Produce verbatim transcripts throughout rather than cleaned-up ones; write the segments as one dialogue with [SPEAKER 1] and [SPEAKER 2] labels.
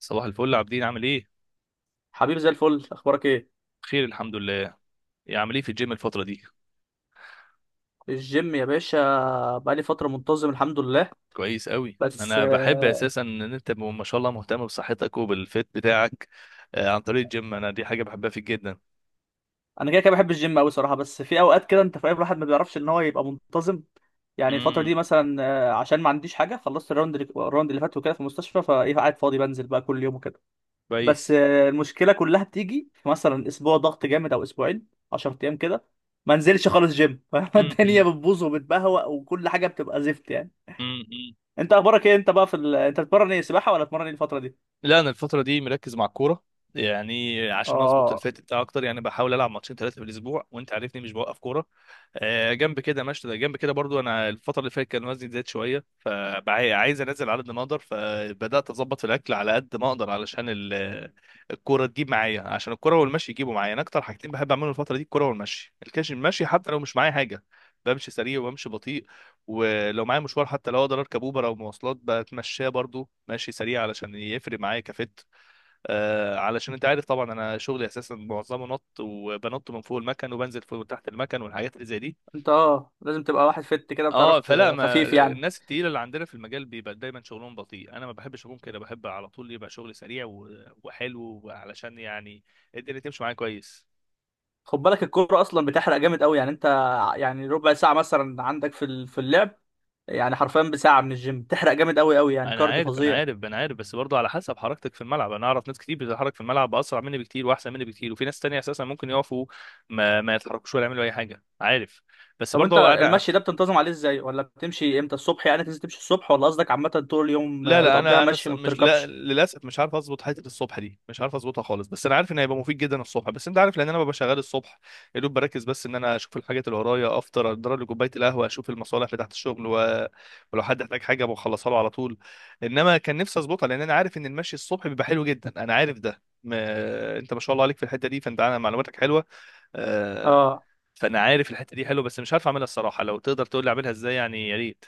[SPEAKER 1] صباح الفل عابدين، عامل ايه؟
[SPEAKER 2] حبيب، زي الفل، اخبارك ايه؟
[SPEAKER 1] بخير الحمد لله. إيه عامل ايه في الجيم الفتره دي؟
[SPEAKER 2] الجيم يا باشا، بقالي فتره منتظم الحمد لله.
[SPEAKER 1] كويس قوي.
[SPEAKER 2] بس
[SPEAKER 1] انا بحب
[SPEAKER 2] آه،
[SPEAKER 1] اساسا ان انت م- ما شاء الله مهتم بصحتك وبالفيت بتاعك. آه، عن طريق الجيم، انا دي حاجه بحبها فيك جدا.
[SPEAKER 2] انا كده كده بحب الجيم قوي صراحه، بس في اوقات كده انت فاهم، الواحد ما بيعرفش ان هو يبقى منتظم. يعني الفتره
[SPEAKER 1] امم.
[SPEAKER 2] دي مثلا آه، عشان ما عنديش حاجه، خلصت الراوند اللي الراوند اللي فات وكده في المستشفى، فايه قاعد فاضي بنزل بقى كل يوم وكده. بس
[SPEAKER 1] كويس.
[SPEAKER 2] آه، المشكله كلها بتيجي في مثلا اسبوع ضغط جامد او اسبوعين، 10 ايام كده ما انزلش خالص جيم الدنيا
[SPEAKER 1] امم.
[SPEAKER 2] بتبوظ وبتبهوأ وكل حاجه بتبقى زفت يعني.
[SPEAKER 1] امم.
[SPEAKER 2] انت اخبارك ايه؟ انت بقى في ال... انت بتتمرن ايه، سباحه ولا بتتمرن ايه الفتره دي؟
[SPEAKER 1] لا، انا الفتره دي مركز مع الكوره. يعني عشان اظبط
[SPEAKER 2] اه،
[SPEAKER 1] الفيت بتاعي اكتر، يعني بحاول العب ماتشين ثلاثه في الاسبوع، وانت عارفني مش بوقف كوره. آه، جنب كده ماشي، جنب كده برضو انا الفتره اللي فاتت كان وزني زاد شويه. بع- عايز انزل على قد ما اقدر، فبدات اظبط في الاكل على قد ما اقدر، علشان ال- الكوره تجيب معايا، عشان الكوره والمشي يجيبوا معايا. انا اكتر حاجتين بحب اعملهم الفتره دي الكوره والمشي، الكاش المشي حتى لو مش معايا حاجه بمشي سريع وبمشي بطيء، ولو معايا مشوار حتى لو اقدر اركب اوبر او مواصلات بتمشاه برضو ماشي سريع علشان يفرق معايا كفت. آه علشان انت عارف طبعا، انا شغلي اساسا معظمه نط، وبنط من فوق المكن وبنزل فوق تحت المكن والحاجات اللي زي دي.
[SPEAKER 2] انت اه لازم تبقى واحد فت كده، بتعرف
[SPEAKER 1] اه
[SPEAKER 2] ت-
[SPEAKER 1] فلا، ما
[SPEAKER 2] خفيف يعني.
[SPEAKER 1] الناس التقيله اللي عندنا في المجال بيبقى دايما شغلهم بطيء، انا ما بحبش اكون كده، بحب على طول يبقى شغل سريع و- وحلو، علشان يعني الدنيا تمشي معايا كويس.
[SPEAKER 2] خد بالك الكوره اصلا بتحرق جامد قوي، يعني انت ع- يعني ربع ساعه مثلا عندك في ال- في اللعب، يعني حرفيا بساعه من الجيم تحرق جامد قوي قوي، يعني
[SPEAKER 1] انا
[SPEAKER 2] كارديو
[SPEAKER 1] عارف، انا
[SPEAKER 2] فظيع.
[SPEAKER 1] عارف، انا عارف، بس برضه على حسب حركتك في الملعب. انا اعرف ناس كتير بتتحرك في الملعب اسرع مني بكتير واحسن مني بكتير، وفي ناس تانية اساسا ممكن يقفوا ما ما يتحركوش ولا يعملوا اي حاجه، عارف؟ بس
[SPEAKER 2] طب انت
[SPEAKER 1] برضه انا
[SPEAKER 2] المشي ده بتنتظم عليه ازاي؟ ولا بتمشي امتى الصبح؟ يعني تنزل تمشي الصبح، ولا قصدك عامه طول اليوم
[SPEAKER 1] لا
[SPEAKER 2] آه،
[SPEAKER 1] لا،
[SPEAKER 2] بتقضيها
[SPEAKER 1] انا انا س-
[SPEAKER 2] مشي ما
[SPEAKER 1] مش، لا
[SPEAKER 2] بتركبش؟
[SPEAKER 1] للاسف مش عارف اظبط حته الصبح دي، مش عارف اظبطها خالص. بس انا عارف ان هيبقى مفيد جدا الصبح، بس انت عارف لان انا ببقى شغال الصبح، يا دوب بركز بس ان انا اشوف الحاجات اللي ورايا، افطر، اضرب لي كوبايه القهوه، اشوف المصالح بتاعت الشغل و... ولو حد احتاج حاجه بخلصها له على طول. انما كان نفسي اظبطها، لان انا عارف ان المشي الصبح بيبقى حلو جدا. انا عارف ده ما... انت ما شاء الله عليك في الحته دي، فانت عن- معلوماتك حلوه. آه،
[SPEAKER 2] اه،
[SPEAKER 1] فانا عارف الحته دي حلوه، بس مش عارف اعملها الصراحه. لو تقدر تقول لي اعملها ازاي يعني، يا ريت.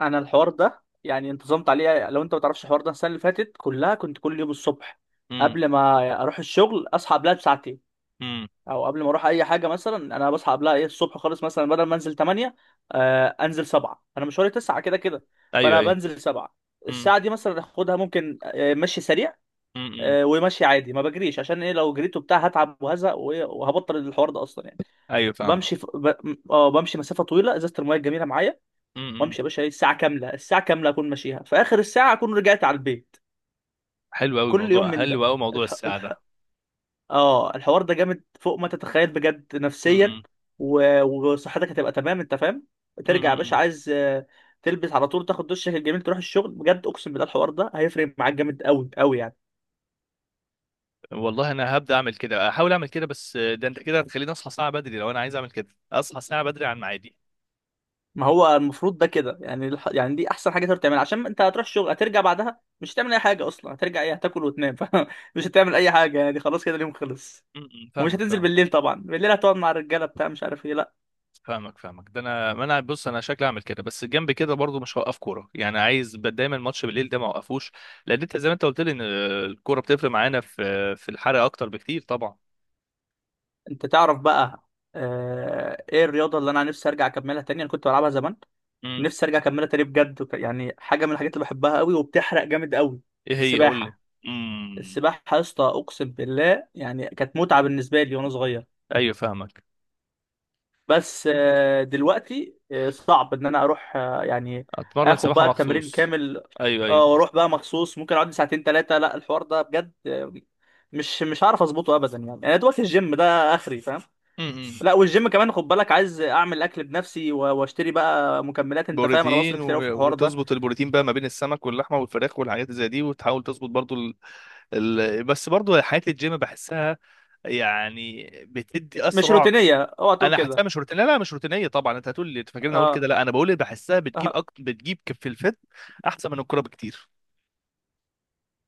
[SPEAKER 2] انا الحوار ده يعني انتظمت عليه، لو انت ما تعرفش الحوار ده، السنه اللي فاتت كلها كنت كل يوم الصبح
[SPEAKER 1] امم.
[SPEAKER 2] قبل ما اروح الشغل اصحى قبلها بساعتين،
[SPEAKER 1] امم.
[SPEAKER 2] او قبل ما اروح اي حاجه مثلا، انا بصحى قبلها ايه الصبح خالص، مثلا بدل ما انزل تمانيه آه انزل سبعة، انا مشواري تسعه كده كده،
[SPEAKER 1] ايوه،
[SPEAKER 2] فانا
[SPEAKER 1] ايوه.
[SPEAKER 2] بنزل سبعة
[SPEAKER 1] امم.
[SPEAKER 2] الساعه دي مثلا اخدها ممكن آه، مشي سريع،
[SPEAKER 1] امم، امم.
[SPEAKER 2] آه، ومشي عادي ما بجريش. عشان ايه؟ لو جريت وبتاع هتعب وهزق وإيه، وهبطل الحوار ده اصلا يعني.
[SPEAKER 1] ايوه
[SPEAKER 2] بمشي
[SPEAKER 1] فاهمك.
[SPEAKER 2] ف... ب... اه بمشي مسافه طويله، ازازه الميه الجميله معايا
[SPEAKER 1] امم.
[SPEAKER 2] وامشي يا باشا، إيه، الساعه كامله الساعه كامله اكون ماشيها، في اخر الساعه اكون رجعت على البيت.
[SPEAKER 1] حلو قوي
[SPEAKER 2] كل يوم
[SPEAKER 1] موضوع،
[SPEAKER 2] من
[SPEAKER 1] حلو
[SPEAKER 2] ده.
[SPEAKER 1] قوي موضوع الساعه ده.
[SPEAKER 2] اه الحوار ده جامد فوق ما تتخيل بجد نفسيا،
[SPEAKER 1] امم.
[SPEAKER 2] و... وصحتك هتبقى تمام، انت فاهم. ترجع يا باشا
[SPEAKER 1] امم.
[SPEAKER 2] عايز آه، تلبس على طول، تاخد دشك الجميل، تروح الشغل. بجد اقسم بالله الحوار ده هيفرق معاك جامد قوي قوي يعني.
[SPEAKER 1] والله انا هبدا اعمل كده، احاول اعمل كده. بس ده انت كده هتخليني اصحى ساعه بدري. لو انا عايز اعمل كده اصحى ساعه بدري عن ميعادي.
[SPEAKER 2] ما هو المفروض ده كده يعني الح... يعني دي احسن حاجه تقدر تعملها، عشان انت هتروح الشغل هترجع بعدها، مش هتعمل اي حاجه اصلا، هترجع ايه هتاكل وتنام مش هتعمل اي حاجه يعني خلاص كده اليوم خلص.
[SPEAKER 1] امم.
[SPEAKER 2] ومش
[SPEAKER 1] فاهمك،
[SPEAKER 2] هتنزل
[SPEAKER 1] فاهمك،
[SPEAKER 2] بالليل طبعا، بالليل هتقعد مع الرجاله بتاع مش عارف ايه، لا.
[SPEAKER 1] فاهمك، فاهمك. ده انا، ما انا بص، انا شكلي اعمل كده، بس جنب كده برضو مش هوقف كوره. يعني عايز ب- دايما الماتش بالليل ده ما اوقفوش، لان انت زي ما انت قلت لي ان آه، الكوره بتفرق معانا في في الحرق اكتر بكتير طبعا.
[SPEAKER 2] انت تعرف بقى آه، ايه الرياضه اللي انا نفسي ارجع اكملها تاني؟ انا كنت بلعبها زمان،
[SPEAKER 1] امم.
[SPEAKER 2] نفسي ارجع اكملها تاني بجد، وك- يعني حاجه من الحاجات اللي بحبها قوي وبتحرق جامد قوي.
[SPEAKER 1] ايه هي، قول لي.
[SPEAKER 2] السباحه.
[SPEAKER 1] امم.
[SPEAKER 2] السباحه يا اسطى، اقسم بالله يعني كانت متعه بالنسبه لي وانا صغير.
[SPEAKER 1] ايوه فاهمك.
[SPEAKER 2] بس آه، دلوقتي آه، صعب ان انا اروح آه، يعني
[SPEAKER 1] اتمرن
[SPEAKER 2] اخد
[SPEAKER 1] سباحه
[SPEAKER 2] بقى التمرين
[SPEAKER 1] مخصوص؟
[SPEAKER 2] كامل،
[SPEAKER 1] ايوه،
[SPEAKER 2] اه
[SPEAKER 1] ايوه.
[SPEAKER 2] واروح بقى مخصوص، ممكن اقعد لي ساعتين ثلاثه، لا الحوار ده بجد آه، مش مش هعرف اظبطه ابدا يعني، انا دلوقتي الجيم ده اخري فاهم.
[SPEAKER 1] امم.
[SPEAKER 2] لا والجيم كمان خد بالك، عايز اعمل اكل بنفسي و- واشتري بقى مكملات، انت فاهم انا بصرف
[SPEAKER 1] بروتين
[SPEAKER 2] كتير قوي في
[SPEAKER 1] و-
[SPEAKER 2] الحوار ده.
[SPEAKER 1] وتظبط البروتين بقى ما بين السمك واللحمه والفراخ والحاجات زي دي، وتحاول تظبط برضو ال... ال... بس برضو حياه الجيم بحسها يعني بتدي
[SPEAKER 2] مش
[SPEAKER 1] اسرع.
[SPEAKER 2] روتينيه، اوعى تقول
[SPEAKER 1] انا حاسسها
[SPEAKER 2] كده.
[SPEAKER 1] مش روتينيه، لا مش روتينيه طبعا. انت هتقول لي أنت فاكرني اقول كده،
[SPEAKER 2] اه،
[SPEAKER 1] لا انا بقول بحسها بتجيب
[SPEAKER 2] اه،
[SPEAKER 1] أكت... بتجيب كف في الفت، احسن من الكوره بكتير.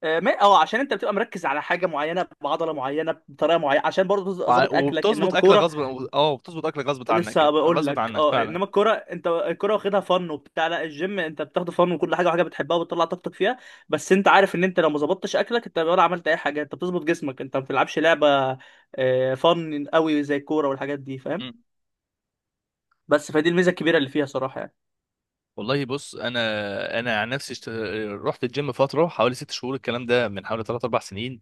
[SPEAKER 2] آه، ما- اه عشان انت بتبقى مركز على حاجه معينه، بعضله معينه، بطريقه معينه، عشان برضه
[SPEAKER 1] وع-
[SPEAKER 2] ظابط اكلك، انما
[SPEAKER 1] وبتظبط اكل
[SPEAKER 2] الكوره...
[SPEAKER 1] غصب. اه، بتظبط اكل غصب عنك،
[SPEAKER 2] لسه
[SPEAKER 1] يعني
[SPEAKER 2] بقول
[SPEAKER 1] غصب
[SPEAKER 2] لك،
[SPEAKER 1] عنك
[SPEAKER 2] اه
[SPEAKER 1] فعلا.
[SPEAKER 2] انما الكوره انت الكوره واخدها فن وبتاع. لا الجيم انت بتاخده فن، وكل حاجه، وحاجه بتحبها وبتطلع طاقتك فيها، بس انت عارف ان انت لو ما ظبطتش اكلك، انت ولا عملت اي حاجه، انت بتظبط جسمك، انت ما بتلعبش لعبه آه، فن قوي زي الكوره والحاجات دي، فاهم؟
[SPEAKER 1] مم.
[SPEAKER 2] بس فدي الميزه الكبيره اللي فيها صراحه يعني.
[SPEAKER 1] والله بص، انا انا عن نفسي اشت- رحت الجيم فتره حوالي ست شهور، الكلام ده من حوالي ثلاث اربع سنين،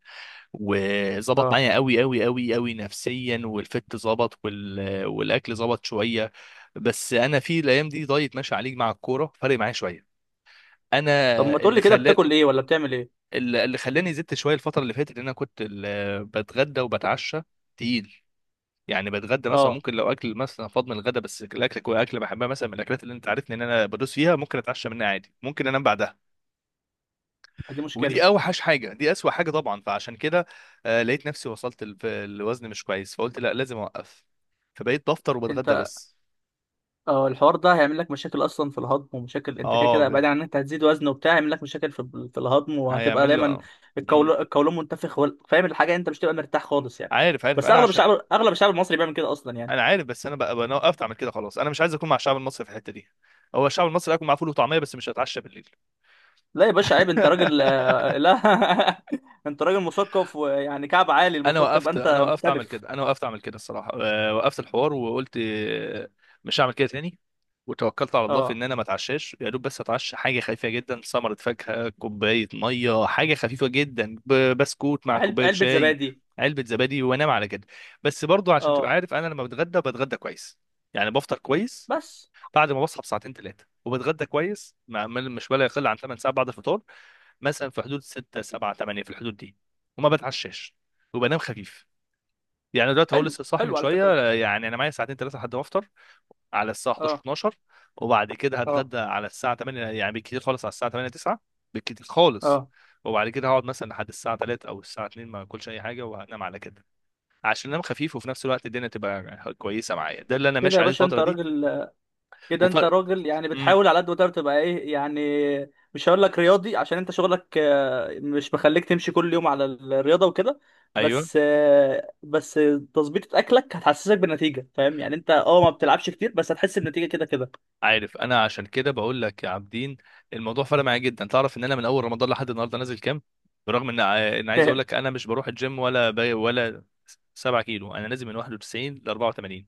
[SPEAKER 1] وظبط
[SPEAKER 2] اه،
[SPEAKER 1] معايا قوي قوي قوي قوي نفسيا، والفت ظبط، وال... والاكل ظبط شويه. بس انا في الايام دي دايت ماشي عليه مع الكوره، فرق معايا شويه. انا
[SPEAKER 2] طب ما تقول لي
[SPEAKER 1] اللي
[SPEAKER 2] كده، بتاكل
[SPEAKER 1] خلاني،
[SPEAKER 2] ايه ولا بتعمل ايه؟
[SPEAKER 1] اللي اللي خلاني زدت شويه الفتره اللي فاتت، ان انا كنت ال- بتغدى وبتعشى تقيل. يعني بتغدى مثلا،
[SPEAKER 2] اه
[SPEAKER 1] ممكن لو اكل مثلا فاض من الغدا، بس الاكل كو- اكل بحبها، مثلا من الاكلات اللي انت عارفني ان انا بدوس فيها، ممكن اتعشى منها عادي، ممكن انام بعدها.
[SPEAKER 2] دي
[SPEAKER 1] ودي
[SPEAKER 2] مشكله.
[SPEAKER 1] اوحش حاجه، دي اسوأ حاجه طبعا. فعشان كده آه، لقيت نفسي وصلت ال- في الوزن مش كويس، فقلت لا لازم اوقف، فبقيت بفطر وبتغدى
[SPEAKER 2] انت
[SPEAKER 1] بس.
[SPEAKER 2] اه الحوار ده هيعمل لك مشاكل اصلا في الهضم، ومشاكل، انت كده
[SPEAKER 1] اه
[SPEAKER 2] كده
[SPEAKER 1] بي-
[SPEAKER 2] بعيد عن ان انت هتزيد وزن وبتاع، هيعمل لك مشاكل في, في الهضم، وهتبقى
[SPEAKER 1] هيعمل له
[SPEAKER 2] دايما
[SPEAKER 1] اه. أمم.
[SPEAKER 2] القولون، القولون منتفخ، وال- فاهم الحاجه، انت مش تبقى مرتاح خالص يعني.
[SPEAKER 1] عارف عارف
[SPEAKER 2] بس
[SPEAKER 1] انا
[SPEAKER 2] اغلب
[SPEAKER 1] عشان
[SPEAKER 2] الشعب اغلب الشعب المصري بيعمل كده اصلا يعني.
[SPEAKER 1] انا عارف. بس انا بقى انا وقفت اعمل كده خلاص، انا مش عايز اكون مع الشعب المصري في الحته دي. هو الشعب المصري اكون معاه فول وطعميه، بس مش هتعشى بالليل.
[SPEAKER 2] لا يا باشا عيب، انت راجل آه، لا انت راجل مثقف ويعني كعب عالي،
[SPEAKER 1] انا
[SPEAKER 2] المفروض تبقى
[SPEAKER 1] وقفت
[SPEAKER 2] انت
[SPEAKER 1] انا وقفت اعمل
[SPEAKER 2] مختلف.
[SPEAKER 1] كده، انا وقفت اعمل كده الصراحه. آه، وقفت الحوار وقلت آه، مش هعمل كده تاني، وتوكلت على الله في
[SPEAKER 2] اه،
[SPEAKER 1] ان انا ما اتعشاش يا دوب. بس اتعشى حاجه خفيفه جدا، ثمره فاكهه، كوبايه ميه، حاجه خفيفه جدا، ب- بسكوت مع
[SPEAKER 2] علب
[SPEAKER 1] كوبايه
[SPEAKER 2] علبه
[SPEAKER 1] شاي،
[SPEAKER 2] زبادي،
[SPEAKER 1] علبه زبادي، وانام على كده. بس برضو عشان تبقى
[SPEAKER 2] اه،
[SPEAKER 1] عارف، انا لما بتغدى بتغدى كويس، يعني بفطر كويس.
[SPEAKER 2] بس
[SPEAKER 1] بعد ما بصحى بساعتين ثلاثه وبتغدى كويس، مع- مش ولا يقل عن تمن ساعات بعد الفطار، مثلا في حدود سته سبعه تمانيه، في الحدود دي. وما بتعشاش، وبنام خفيف. يعني دلوقتي هو
[SPEAKER 2] حلو
[SPEAKER 1] لسه صاحي من
[SPEAKER 2] حلو على فكره،
[SPEAKER 1] شويه، يعني انا معايا ساعتين ثلاثه لحد ما افطر على الساعه حداشر
[SPEAKER 2] اه،
[SPEAKER 1] اتناشر، وبعد كده
[SPEAKER 2] اه،
[SPEAKER 1] هتغدى على الساعه تمانيه يعني بالكتير خالص، على الساعه تمانيه تسعه بالكتير خالص.
[SPEAKER 2] اه.
[SPEAKER 1] وبعد كده هقعد مثلا لحد الساعه تلاته او الساعه اتنين ما اكلش اي حاجه، وهنام على كده، عشان انام خفيف، وفي نفس الوقت الدنيا تبقى كويسه معايا. ده اللي انا
[SPEAKER 2] كده
[SPEAKER 1] ماشي
[SPEAKER 2] يا
[SPEAKER 1] عليه
[SPEAKER 2] باشا انت
[SPEAKER 1] الفتره دي.
[SPEAKER 2] راجل. كده انت
[SPEAKER 1] وفرق.
[SPEAKER 2] راجل يعني
[SPEAKER 1] امم.
[SPEAKER 2] بتحاول على قد ما تقدر تبقى ايه يعني. مش هقول لك رياضي عشان انت شغلك آه، مش مخليك تمشي كل يوم على الرياضه وكده.
[SPEAKER 1] ايوه
[SPEAKER 2] بس آه، بس تظبيطة اكلك هتحسسك بالنتيجه، فاهم يعني؟ انت اه ما بتلعبش كتير بس هتحس بالنتيجه كده كده.
[SPEAKER 1] عارف. انا عشان كده بقول لك يا عابدين، الموضوع فرق معايا جدا. تعرف ان انا من اول رمضان لحد النهارده نازل كام، برغم ان ع- ان عايز اقول لك انا مش بروح الجيم ولا باي ولا؟ سبع كيلو، انا نازل من واحد وتسعين ل اربعه وتمانين.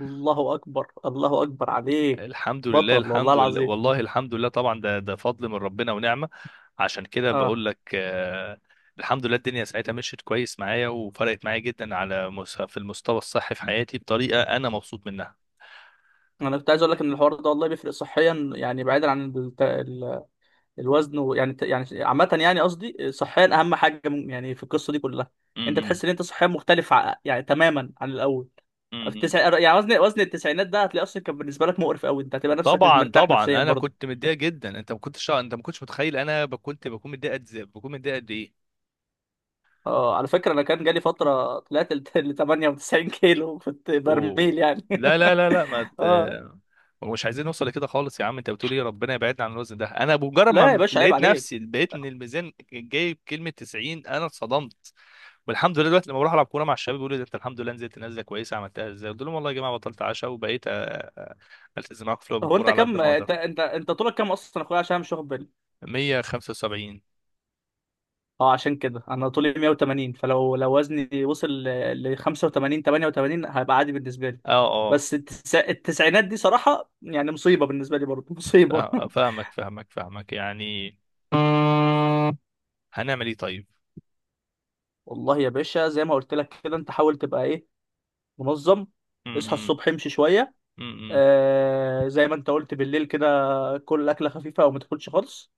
[SPEAKER 2] الله اكبر، الله اكبر عليك،
[SPEAKER 1] الحمد لله،
[SPEAKER 2] بطل والله
[SPEAKER 1] الحمد لله،
[SPEAKER 2] العظيم.
[SPEAKER 1] والله الحمد لله طبعا، ده ده فضل من ربنا ونعمه. عشان كده بقول
[SPEAKER 2] اه،
[SPEAKER 1] لك آه، الحمد لله الدنيا ساعتها مشيت كويس معايا، وفرقت معايا جدا على مس- في المستوى الصحي في حياتي، بطريقه انا مبسوط منها.
[SPEAKER 2] انا كنت عايز اقول لك ان الحوار ده والله بيفرق صحيا يعني، بعيدا عن الت... الوزن و... يعني يعني عامة، يعني قصدي صحيا أهم حاجة م- يعني في القصة دي كلها،
[SPEAKER 1] م-
[SPEAKER 2] أنت
[SPEAKER 1] م-
[SPEAKER 2] تحس إن أنت صحيا مختلف ع- يعني تماما عن الأول.
[SPEAKER 1] م-
[SPEAKER 2] في
[SPEAKER 1] م.
[SPEAKER 2] التسع... يعني وزن، وزن التسعينات ده هتلاقي أصلا كان بالنسبة لك مقرف أوي، أنت هتبقى نفسك مش
[SPEAKER 1] طبعا
[SPEAKER 2] مرتاح
[SPEAKER 1] طبعا،
[SPEAKER 2] نفسيا
[SPEAKER 1] انا
[SPEAKER 2] برضه.
[SPEAKER 1] كنت متضايق جدا. انت ما كنتش انت ما كنتش متخيل انا ب- كنت بكون متضايق قد إزاي- بكون متضايق قد ايه.
[SPEAKER 2] آه على فكرة، أنا كان جالي فترة طلعت ل تمانيه وتسعين كيلو، كنت
[SPEAKER 1] و...
[SPEAKER 2] برميل يعني
[SPEAKER 1] لا لا لا لا، ما ت...
[SPEAKER 2] آه،
[SPEAKER 1] مش عايزين نوصل لكده خالص، يا عم انت بتقول ايه، ربنا يبعدنا عن الوزن ده. انا بمجرد
[SPEAKER 2] لا يا
[SPEAKER 1] ما
[SPEAKER 2] باشا عيب
[SPEAKER 1] لقيت
[SPEAKER 2] عليك.
[SPEAKER 1] نفسي، لقيت ان الميزان جايب كلمه تسعين، انا اتصدمت. والحمد لله دلوقتي لما بروح العب كوره مع الشباب بيقولوا لي ده انت الحمد لله نزلت نزله كويسه، عملتها ازاي؟ قلت لهم والله يا جماعه بطلت عشاء، وبقيت التزم معاكم في لعب
[SPEAKER 2] هو
[SPEAKER 1] الكوره
[SPEAKER 2] أنت
[SPEAKER 1] على قد
[SPEAKER 2] كم،
[SPEAKER 1] ما اقدر.
[SPEAKER 2] أنت أنت أنت طولك كم أصلا يا أخويا عشان أنا مش واخد بالي؟
[SPEAKER 1] ميه وخمسه وسبعين.
[SPEAKER 2] اه عشان كده انا طولي مائة وثمانين، فلو لو وزني وصل ل ل خمسه وتمانين تمانيه وتمانين هيبقى عادي بالنسبه لي.
[SPEAKER 1] اه. اه.
[SPEAKER 2] بس التس... التسعينات دي صراحه يعني مصيبه، بالنسبه لي برضه مصيبه
[SPEAKER 1] فا- فاهمك، فاهمك، فاهمك يعني. هنعمل ايه طيب؟
[SPEAKER 2] والله يا باشا زي ما قلت لك كده، انت حاول تبقى ايه، منظم. اصحى
[SPEAKER 1] امم.
[SPEAKER 2] الصبح امشي شويه.
[SPEAKER 1] امم.
[SPEAKER 2] آه زي ما انت قلت بالليل كده، كل اكله خفيفه او ما تاكلش خالص.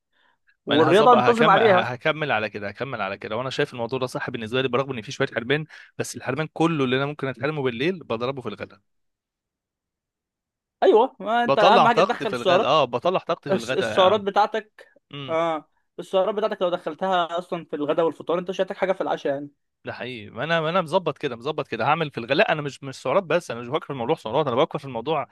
[SPEAKER 1] ما انا
[SPEAKER 2] والرياضه
[SPEAKER 1] هظبط،
[SPEAKER 2] انتظم
[SPEAKER 1] هكمل،
[SPEAKER 2] عليها.
[SPEAKER 1] هكمل على كده، هكمل على كده. وانا شايف الموضوع ده صح بالنسبه لي، برغم ان في شويه حرمان، بس الحرمان كله اللي انا ممكن اتحرمه بالليل بضربه في الغداء.
[SPEAKER 2] ايوه، ما انت
[SPEAKER 1] بطلع
[SPEAKER 2] اهم حاجه
[SPEAKER 1] طاقتي
[SPEAKER 2] تدخل
[SPEAKER 1] في الغداء،
[SPEAKER 2] السعرات.
[SPEAKER 1] اه بطلع طاقتي في
[SPEAKER 2] الس- السعرات
[SPEAKER 1] الغداء.
[SPEAKER 2] بتاعتك.
[SPEAKER 1] امم.
[SPEAKER 2] اه السعرات بتاعتك لو دخلتها اصلا في الغداء والفطار، انت مش هتحتاج حاجه في العشاء يعني.
[SPEAKER 1] ده حقيقي، ما انا، ما انا مظبط كده، مظبط كده هعمل في الغداء. لا انا مش، مش سعرات، بس انا مش بفكر في الموضوع سعرات، انا بفكر في الموضوع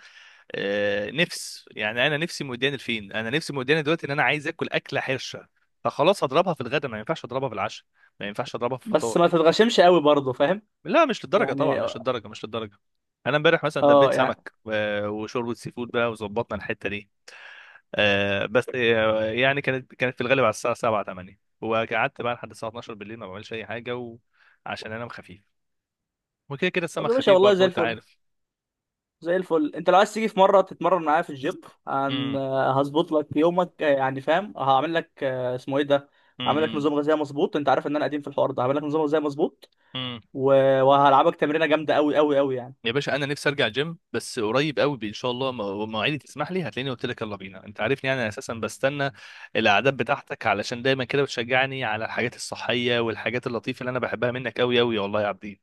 [SPEAKER 1] آه، نفس. يعني انا نفسي مودياني لفين، انا نفسي مودياني دلوقتي ان انا عايز اكل اكله حرشه، فخلاص هضربها في الغداء، ما ينفعش اضربها في العشاء، ما ينفعش اضربها في
[SPEAKER 2] بس
[SPEAKER 1] الفطار.
[SPEAKER 2] ما تتغشمش قوي برضه، فاهم
[SPEAKER 1] لا مش للدرجه طبعا،
[SPEAKER 2] يعني؟
[SPEAKER 1] مش للدرجه، مش للدرجه. انا امبارح مثلا
[SPEAKER 2] اه
[SPEAKER 1] دبيت
[SPEAKER 2] يعني.
[SPEAKER 1] سمك و- وشوربه سي فود بقى وظبطنا الحته دي. آه، بس آه، يعني كانت، كانت في الغالب على الساعه سبعه تمانيه، وقعدت بقى لحد الساعه اتناشر بالليل ما بعملش اي حاجه، وعشان انام خفيف، وكده كده
[SPEAKER 2] طب
[SPEAKER 1] السمك
[SPEAKER 2] يا باشا
[SPEAKER 1] خفيف
[SPEAKER 2] والله زي
[SPEAKER 1] برضه انت
[SPEAKER 2] الفل،
[SPEAKER 1] عارف.
[SPEAKER 2] زي الفل. انت لو عايز تيجي في مره تتمرن معايا في الجيم، عن
[SPEAKER 1] امم.
[SPEAKER 2] آه، هظبط لك يومك، آه، يعني فاهم، هعمل لك آه، اسمه ايه ده، هعمل لك
[SPEAKER 1] امم.
[SPEAKER 2] نظام غذائي مظبوط، انت عارف ان انا قديم في الحوار ده، هعمل لك نظام غذائي مظبوط
[SPEAKER 1] امم.
[SPEAKER 2] و... وهلعبك تمرينه جامده قوي قوي قوي يعني.
[SPEAKER 1] يا باشا انا نفسي ارجع جيم، بس قريب قوي ان شاء الله م- مواعيدي تسمح لي هتلاقيني قلت لك يلا بينا، انت عارفني يعني، انا اساسا بستنى الاعداد بتاعتك علشان دايما كده بتشجعني على الحاجات الصحيه والحاجات اللطيفه اللي انا بحبها منك قوي قوي والله يا عبدين.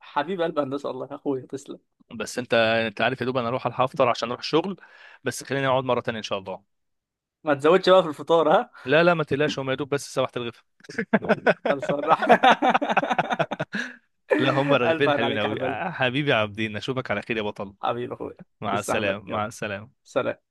[SPEAKER 2] حبيب قلب، هندسه والله يا اخويا، تسلم.
[SPEAKER 1] بس انت انت عارف يا دوب انا اروح الحق افطر عشان اروح الشغل، بس خلينا نقعد مره تانية ان شاء الله.
[SPEAKER 2] ما تزودش بقى في الفطار، ها.
[SPEAKER 1] لا لا ما تقلقش، هم يا دوب بس سبحت الغفا.
[SPEAKER 2] خلصان
[SPEAKER 1] لا هم
[SPEAKER 2] ألف
[SPEAKER 1] رغيفين
[SPEAKER 2] عين
[SPEAKER 1] حلوين
[SPEAKER 2] عليك يا
[SPEAKER 1] قوي.
[SPEAKER 2] حبيب قلبي.
[SPEAKER 1] حبيبي يا عبدين، اشوفك على خير يا بطل.
[SPEAKER 2] حبيبي أخويا.
[SPEAKER 1] مع
[SPEAKER 2] تسلم يا حبيب.
[SPEAKER 1] السلامه، مع
[SPEAKER 2] يلا،
[SPEAKER 1] السلامه.
[SPEAKER 2] سلام.